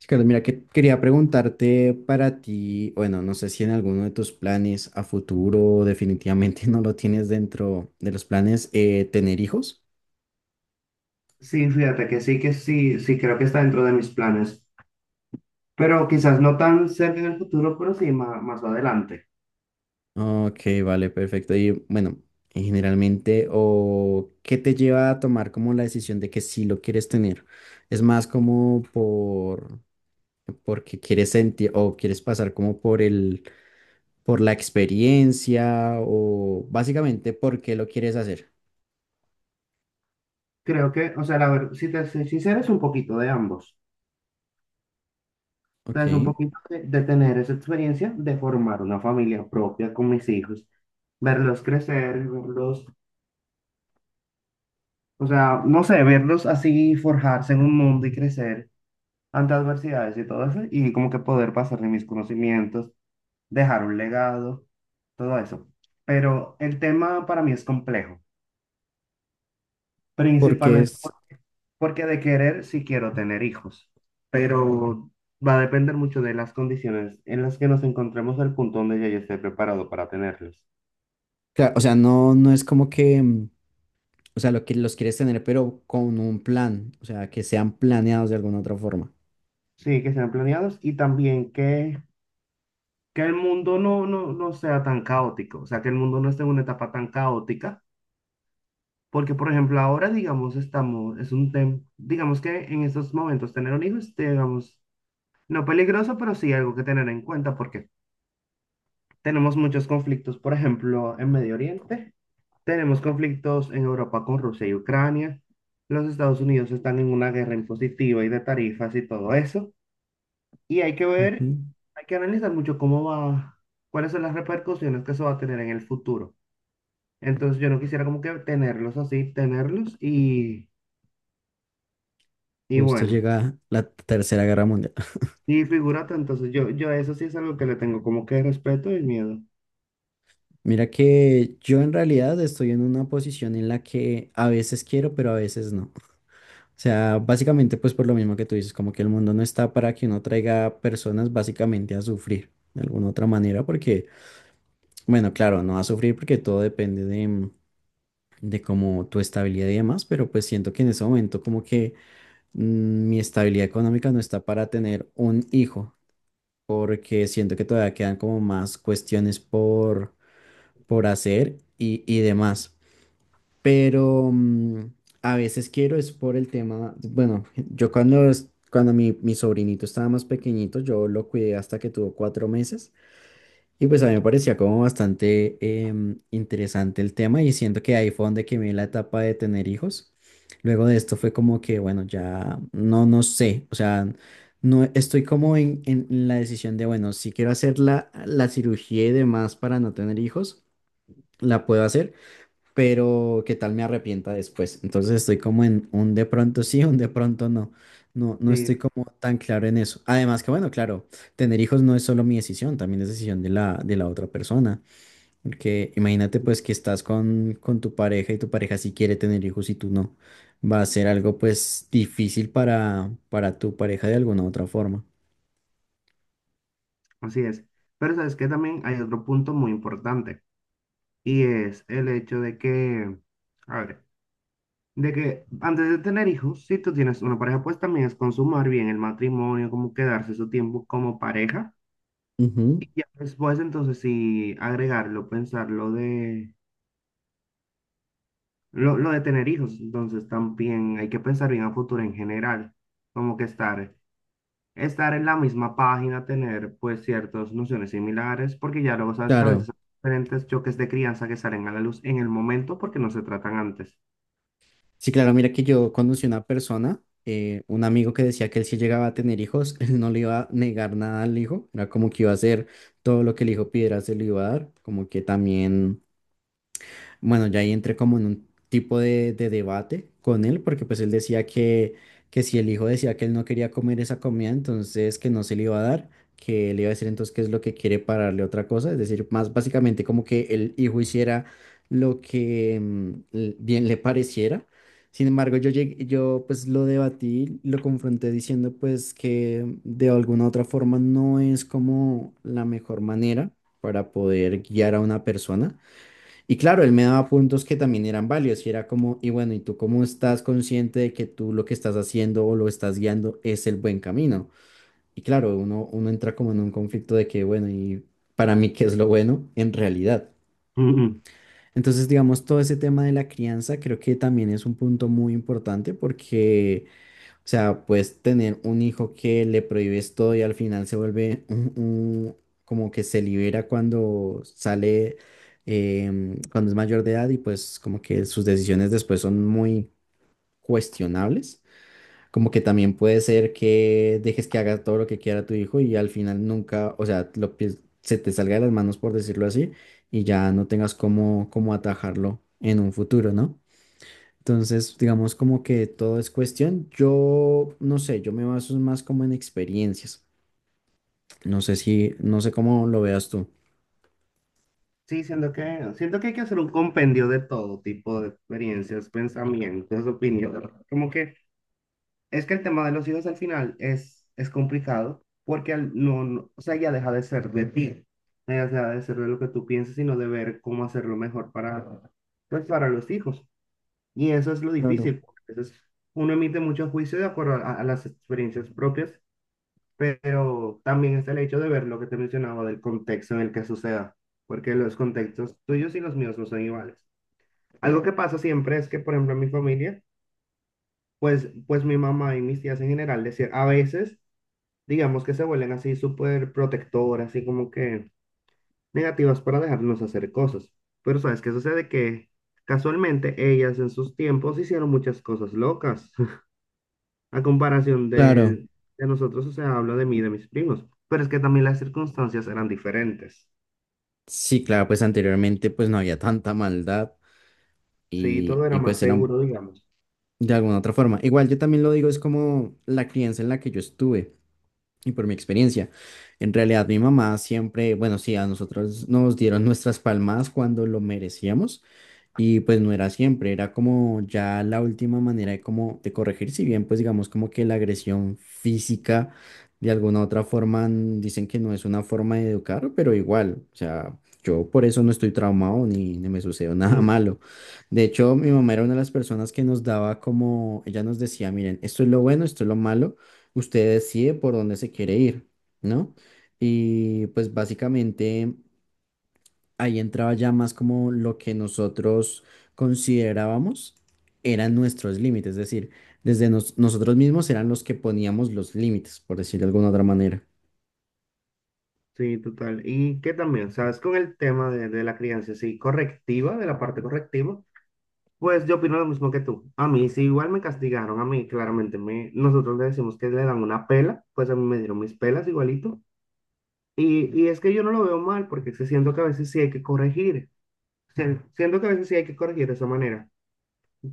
Sí, Carlos, mira, que quería preguntarte para ti, bueno, no sé si en alguno de tus planes a futuro definitivamente no lo tienes dentro de los planes, tener hijos. Sí, fíjate que sí, creo que está dentro de mis planes, pero quizás no tan cerca en el futuro, pero sí más, más adelante. Ok, vale, perfecto. Y bueno, y generalmente, ¿o qué te lleva a tomar como la decisión de que sí lo quieres tener? ¿Es más como porque quieres sentir o quieres pasar como por la experiencia o básicamente por qué lo quieres hacer? Creo que, o sea, la verdad, si te soy sincero, es un poquito de ambos. O sea, Ok. es un poquito de tener esa experiencia de formar una familia propia con mis hijos, verlos crecer, verlos, o sea, no sé, verlos así forjarse en un mundo y crecer ante adversidades y todo eso, y como que poder pasarle mis conocimientos, dejar un legado, todo eso. Pero el tema para mí es complejo, Porque principalmente es porque de querer sí quiero tener hijos, pero va a depender mucho de las condiciones en las que nos encontremos, el punto donde ya yo esté preparado para tenerlos. Claro, o sea, no es como que, o sea, lo que los quieres tener, pero con un plan, o sea, que sean planeados de alguna otra forma. Sí, que sean planeados y también que el mundo no sea tan caótico, o sea, que el mundo no esté en una etapa tan caótica. Porque, por ejemplo, ahora, digamos, estamos, es un tema, digamos que en estos momentos tener un hijo es, digamos, no peligroso, pero sí algo que tener en cuenta porque tenemos muchos conflictos, por ejemplo, en Medio Oriente, tenemos conflictos en Europa con Rusia y Ucrania, los Estados Unidos están en una guerra impositiva y de tarifas y todo eso, y hay que Ujú. ver, hay que analizar mucho cómo va, cuáles son las repercusiones que eso va a tener en el futuro. Entonces yo no quisiera como que tenerlos así, tenerlos y Justo bueno, llega la Tercera Guerra Mundial. y figúrate, entonces yo eso sí es algo que le tengo como que respeto y miedo. Mira que yo en realidad estoy en una posición en la que a veces quiero, pero a veces no. O sea, básicamente pues por lo mismo que tú dices, como que el mundo no está para que uno traiga personas básicamente a sufrir de alguna otra manera, porque, bueno, claro, no a sufrir porque todo depende de como tu estabilidad y demás, pero pues siento que en ese momento como que mi estabilidad económica no está para tener un hijo, porque siento que todavía quedan como más cuestiones por hacer y demás. Pero a veces quiero es por el tema, bueno, yo cuando mi sobrinito estaba más pequeñito, yo lo cuidé hasta que tuvo 4 meses. Y pues a mí me parecía como bastante interesante el tema y siento que ahí fue donde quemé la etapa de tener hijos. Luego de esto fue como que, bueno, ya no, no sé, o sea, no estoy como en la decisión de, bueno, si quiero hacer la cirugía y demás para no tener hijos, la puedo hacer, pero qué tal me arrepienta después. Entonces estoy como en un de pronto sí, un de pronto no. No, no Sí. estoy como tan claro en eso. Además que bueno, claro, tener hijos no es solo mi decisión, también es decisión de la otra persona. Porque imagínate pues Sí. que estás con tu pareja y tu pareja sí quiere tener hijos y tú no. Va a ser algo pues difícil para tu pareja de alguna u otra forma. Así es. Pero sabes que también hay otro punto muy importante y es el hecho de que, a ver, de que antes de tener hijos, si tú tienes una pareja, pues también es consumar bien el matrimonio, como quedarse su tiempo como pareja. Ujú, Y ya después entonces sí agregarlo, pensar lo de, lo de tener hijos. Entonces también hay que pensar bien a futuro en general, como que estar en la misma página, tener pues ciertas nociones similares, porque ya luego sabes que a claro. veces hay diferentes choques de crianza que salen a la luz en el momento porque no se tratan antes. Sí, claro, mira que yo conocí una persona, un amigo que decía que él si llegaba a tener hijos, él no le iba a negar nada al hijo, era como que iba a hacer todo lo que el hijo pidiera, se lo iba a dar, como que también. Bueno, ya ahí entré como en un tipo de debate con él, porque pues él decía que si el hijo decía que él no quería comer esa comida, entonces que no se le iba a dar, que le iba a decir entonces qué es lo que quiere para darle otra cosa, es decir, más básicamente como que el hijo hiciera lo que bien le pareciera. Sin embargo, yo pues lo debatí, lo confronté diciendo pues que de alguna otra forma no es como la mejor manera para poder guiar a una persona y claro, él me daba puntos que también eran válidos y era como, y bueno, ¿y tú cómo estás consciente de que tú lo que estás haciendo o lo estás guiando es el buen camino? Y claro, uno entra como en un conflicto de que, bueno, ¿y para mí qué es lo bueno en realidad? Ujú. Entonces, digamos, todo ese tema de la crianza creo que también es un punto muy importante porque, o sea, puedes tener un hijo que le prohíbes todo y al final se vuelve como que se libera cuando sale, cuando es mayor de edad y pues como que sus decisiones después son muy cuestionables. Como que también puede ser que dejes que haga todo lo que quiera tu hijo y al final nunca, o sea, se te salga de las manos por decirlo así y ya no tengas cómo atajarlo en un futuro, ¿no? Entonces, digamos como que todo es cuestión. Yo no sé, yo me baso más como en experiencias. No sé si, no sé cómo lo veas tú. Sí, siento que hay que hacer un compendio de todo tipo de experiencias, pensamientos, opiniones. Como que es que el tema de los hijos al final es complicado porque al- no, no- o sea, ya deja de ser de ti, ya deja de ser de lo que tú piensas, sino de ver cómo hacerlo mejor para, pues, para los hijos. Y eso es lo Claro. difícil, porque a veces uno emite muchos juicios de acuerdo a las experiencias propias, pero también está el hecho de ver lo que te mencionaba del contexto en el que suceda, porque los contextos tuyos y los míos no son iguales. Algo que pasa siempre es que, por ejemplo, en mi familia, pues mi mamá y mis tías en general, decir, a veces, digamos que se vuelven así súper protectoras, así como que negativas para dejarnos hacer cosas. Pero ¿sabes qué sucede? Que casualmente ellas en sus tiempos hicieron muchas cosas locas a comparación Claro, de nosotros, o sea, hablo de mí, y de mis primos, pero es que también las circunstancias eran diferentes. sí, claro, pues anteriormente pues no había tanta maldad Sí, y, todo era y más pues seguro, digamos. de alguna otra forma. Igual yo también lo digo, es como la crianza en la que yo estuve y por mi experiencia. En realidad mi mamá siempre, bueno, sí, a nosotros nos dieron nuestras palmadas cuando lo merecíamos. Y pues no era siempre, era como ya la última manera de como de corregir, si bien pues digamos como que la agresión física de alguna otra forma dicen que no es una forma de educar, pero igual, o sea, yo por eso no estoy traumado ni me sucedió nada Mm. malo. De hecho, mi mamá era una de las personas que nos daba como, ella nos decía, miren, esto es lo bueno, esto es lo malo, usted decide por dónde se quiere ir, ¿no? Y pues básicamente ahí entraba ya más como lo que nosotros considerábamos eran nuestros límites, es decir, desde nosotros mismos eran los que poníamos los límites, por decirlo de alguna otra manera. Sí, total. Y que también, ¿sabes? Con el tema de la crianza, sí, correctiva, de la parte correctiva, pues yo opino lo mismo que tú. A mí, sí, igual me castigaron, a mí claramente me, nosotros le decimos que le dan una pela, pues a mí me dieron mis pelas igualito. Y es que yo no lo veo mal, porque sí siento que a veces sí hay que corregir. Sí, siento que a veces sí hay que corregir de esa manera.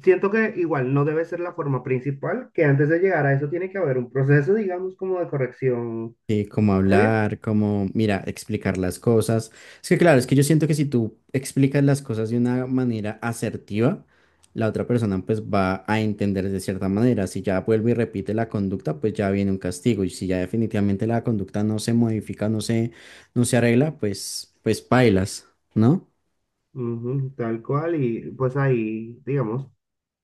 Siento que igual no debe ser la forma principal, que antes de llegar a eso tiene que haber un proceso, digamos, como de corrección Sí, cómo previa. hablar, cómo, mira, explicar las cosas. Es que claro, es que yo siento que si tú explicas las cosas de una manera asertiva, la otra persona pues va a entender de cierta manera. Si ya vuelve y repite la conducta, pues ya viene un castigo. Y si ya definitivamente la conducta no se modifica, no se arregla, pues, pues pailas, ¿no? Ujú, tal cual, y pues ahí, digamos,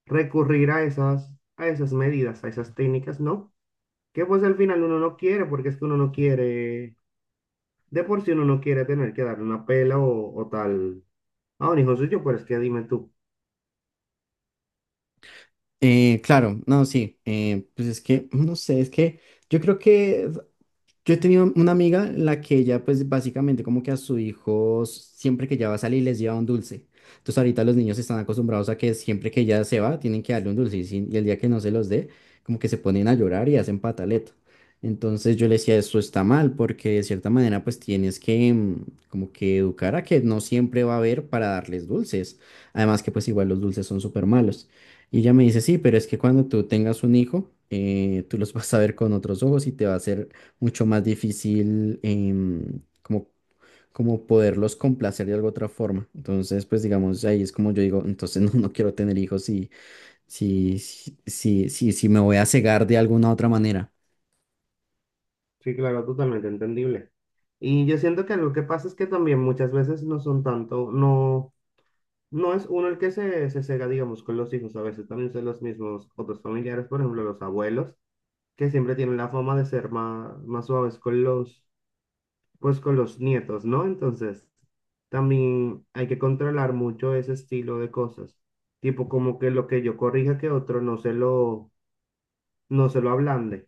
recurrir a esas medidas, a esas técnicas, ¿no? Que pues al final uno no quiere, porque es que uno no quiere, de por sí uno no quiere tener que darle una pela o tal a un hijo suyo, pero es que dime tú. Claro, no, sí. Pues es que, no sé, es que yo creo que yo he tenido una amiga en la que ella, pues básicamente como que a su hijos, siempre que ella va a salir, les lleva un dulce. Entonces ahorita los niños están acostumbrados a que siempre que ella se va, tienen que darle un dulce y, y el día que no se los dé, como que se ponen a llorar y hacen pataleta. Entonces yo le decía, eso está mal, porque de cierta manera pues tienes que, como que educar a que no siempre va a haber para darles dulces. Además que pues igual los dulces son súper malos. Y ella me dice, sí, pero es que cuando tú tengas un hijo, tú los vas a ver con otros ojos y te va a hacer mucho más difícil como, poderlos complacer de alguna otra forma. Entonces, pues digamos, ahí es como yo digo, entonces no quiero tener hijos si me voy a cegar de alguna otra manera. Sí, claro, totalmente entendible. Y yo siento que algo que pasa es que también muchas veces no son tanto, no. No es uno el que se cega, digamos, con los hijos. A veces también son los mismos otros familiares, por ejemplo, los abuelos, que siempre tienen la fama de ser más, más suaves con los, pues, con los nietos, ¿no? Entonces, también hay que controlar mucho ese estilo de cosas. Tipo, como que lo que yo corrija que otro no se lo ablande.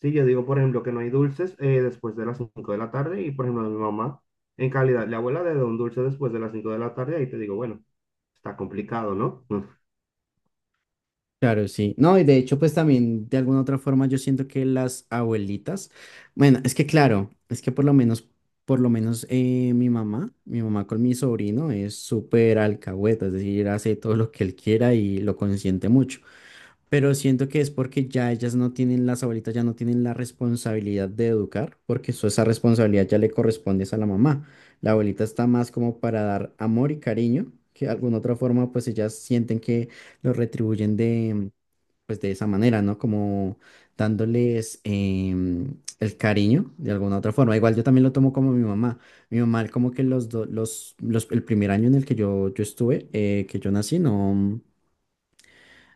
Si yo digo, por ejemplo, que no hay dulces después de las 5 de la tarde y, por ejemplo, mi mamá, en calidad de abuela, de un dulce después de las 5 de la tarde, ahí te digo, bueno, está complicado, ¿no? Claro, sí. No, y de hecho, pues también de alguna otra forma yo siento que las abuelitas, bueno, es que claro, es que por lo menos mi mamá con mi sobrino es súper alcahueta, es decir, hace todo lo que él quiera y lo consiente mucho. Pero siento que es porque ya ellas no tienen, las abuelitas ya no tienen la responsabilidad de educar, porque eso, esa responsabilidad ya le corresponde es a la mamá. La abuelita está más como para dar amor y cariño, que de alguna otra forma pues ellas sienten que lo retribuyen pues de esa manera, ¿no? Como dándoles, el cariño de alguna otra forma. Igual yo también lo tomo como mi mamá. Mi mamá como que los, do- los, el primer año en el que yo estuve, que yo nací, no.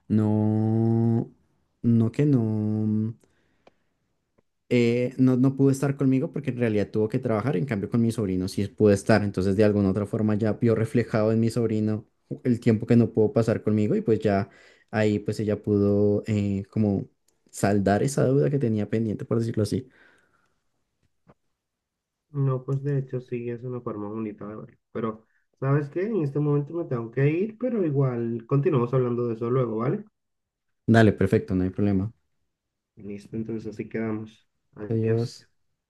No, no que no, no pudo estar conmigo porque en realidad tuvo que trabajar, en cambio con mi sobrino sí pudo estar, entonces de alguna otra forma ya vio reflejado en mi sobrino el tiempo que no pudo pasar conmigo y pues ya ahí pues ella pudo, como saldar esa deuda que tenía pendiente, por decirlo así. No, pues de hecho sí es una forma bonita de verlo. Pero, ¿sabes qué? En este momento me tengo que ir, pero igual continuamos hablando de eso luego, ¿vale? Dale, perfecto, no hay problema. Listo, entonces así quedamos. Adiós. Adiós.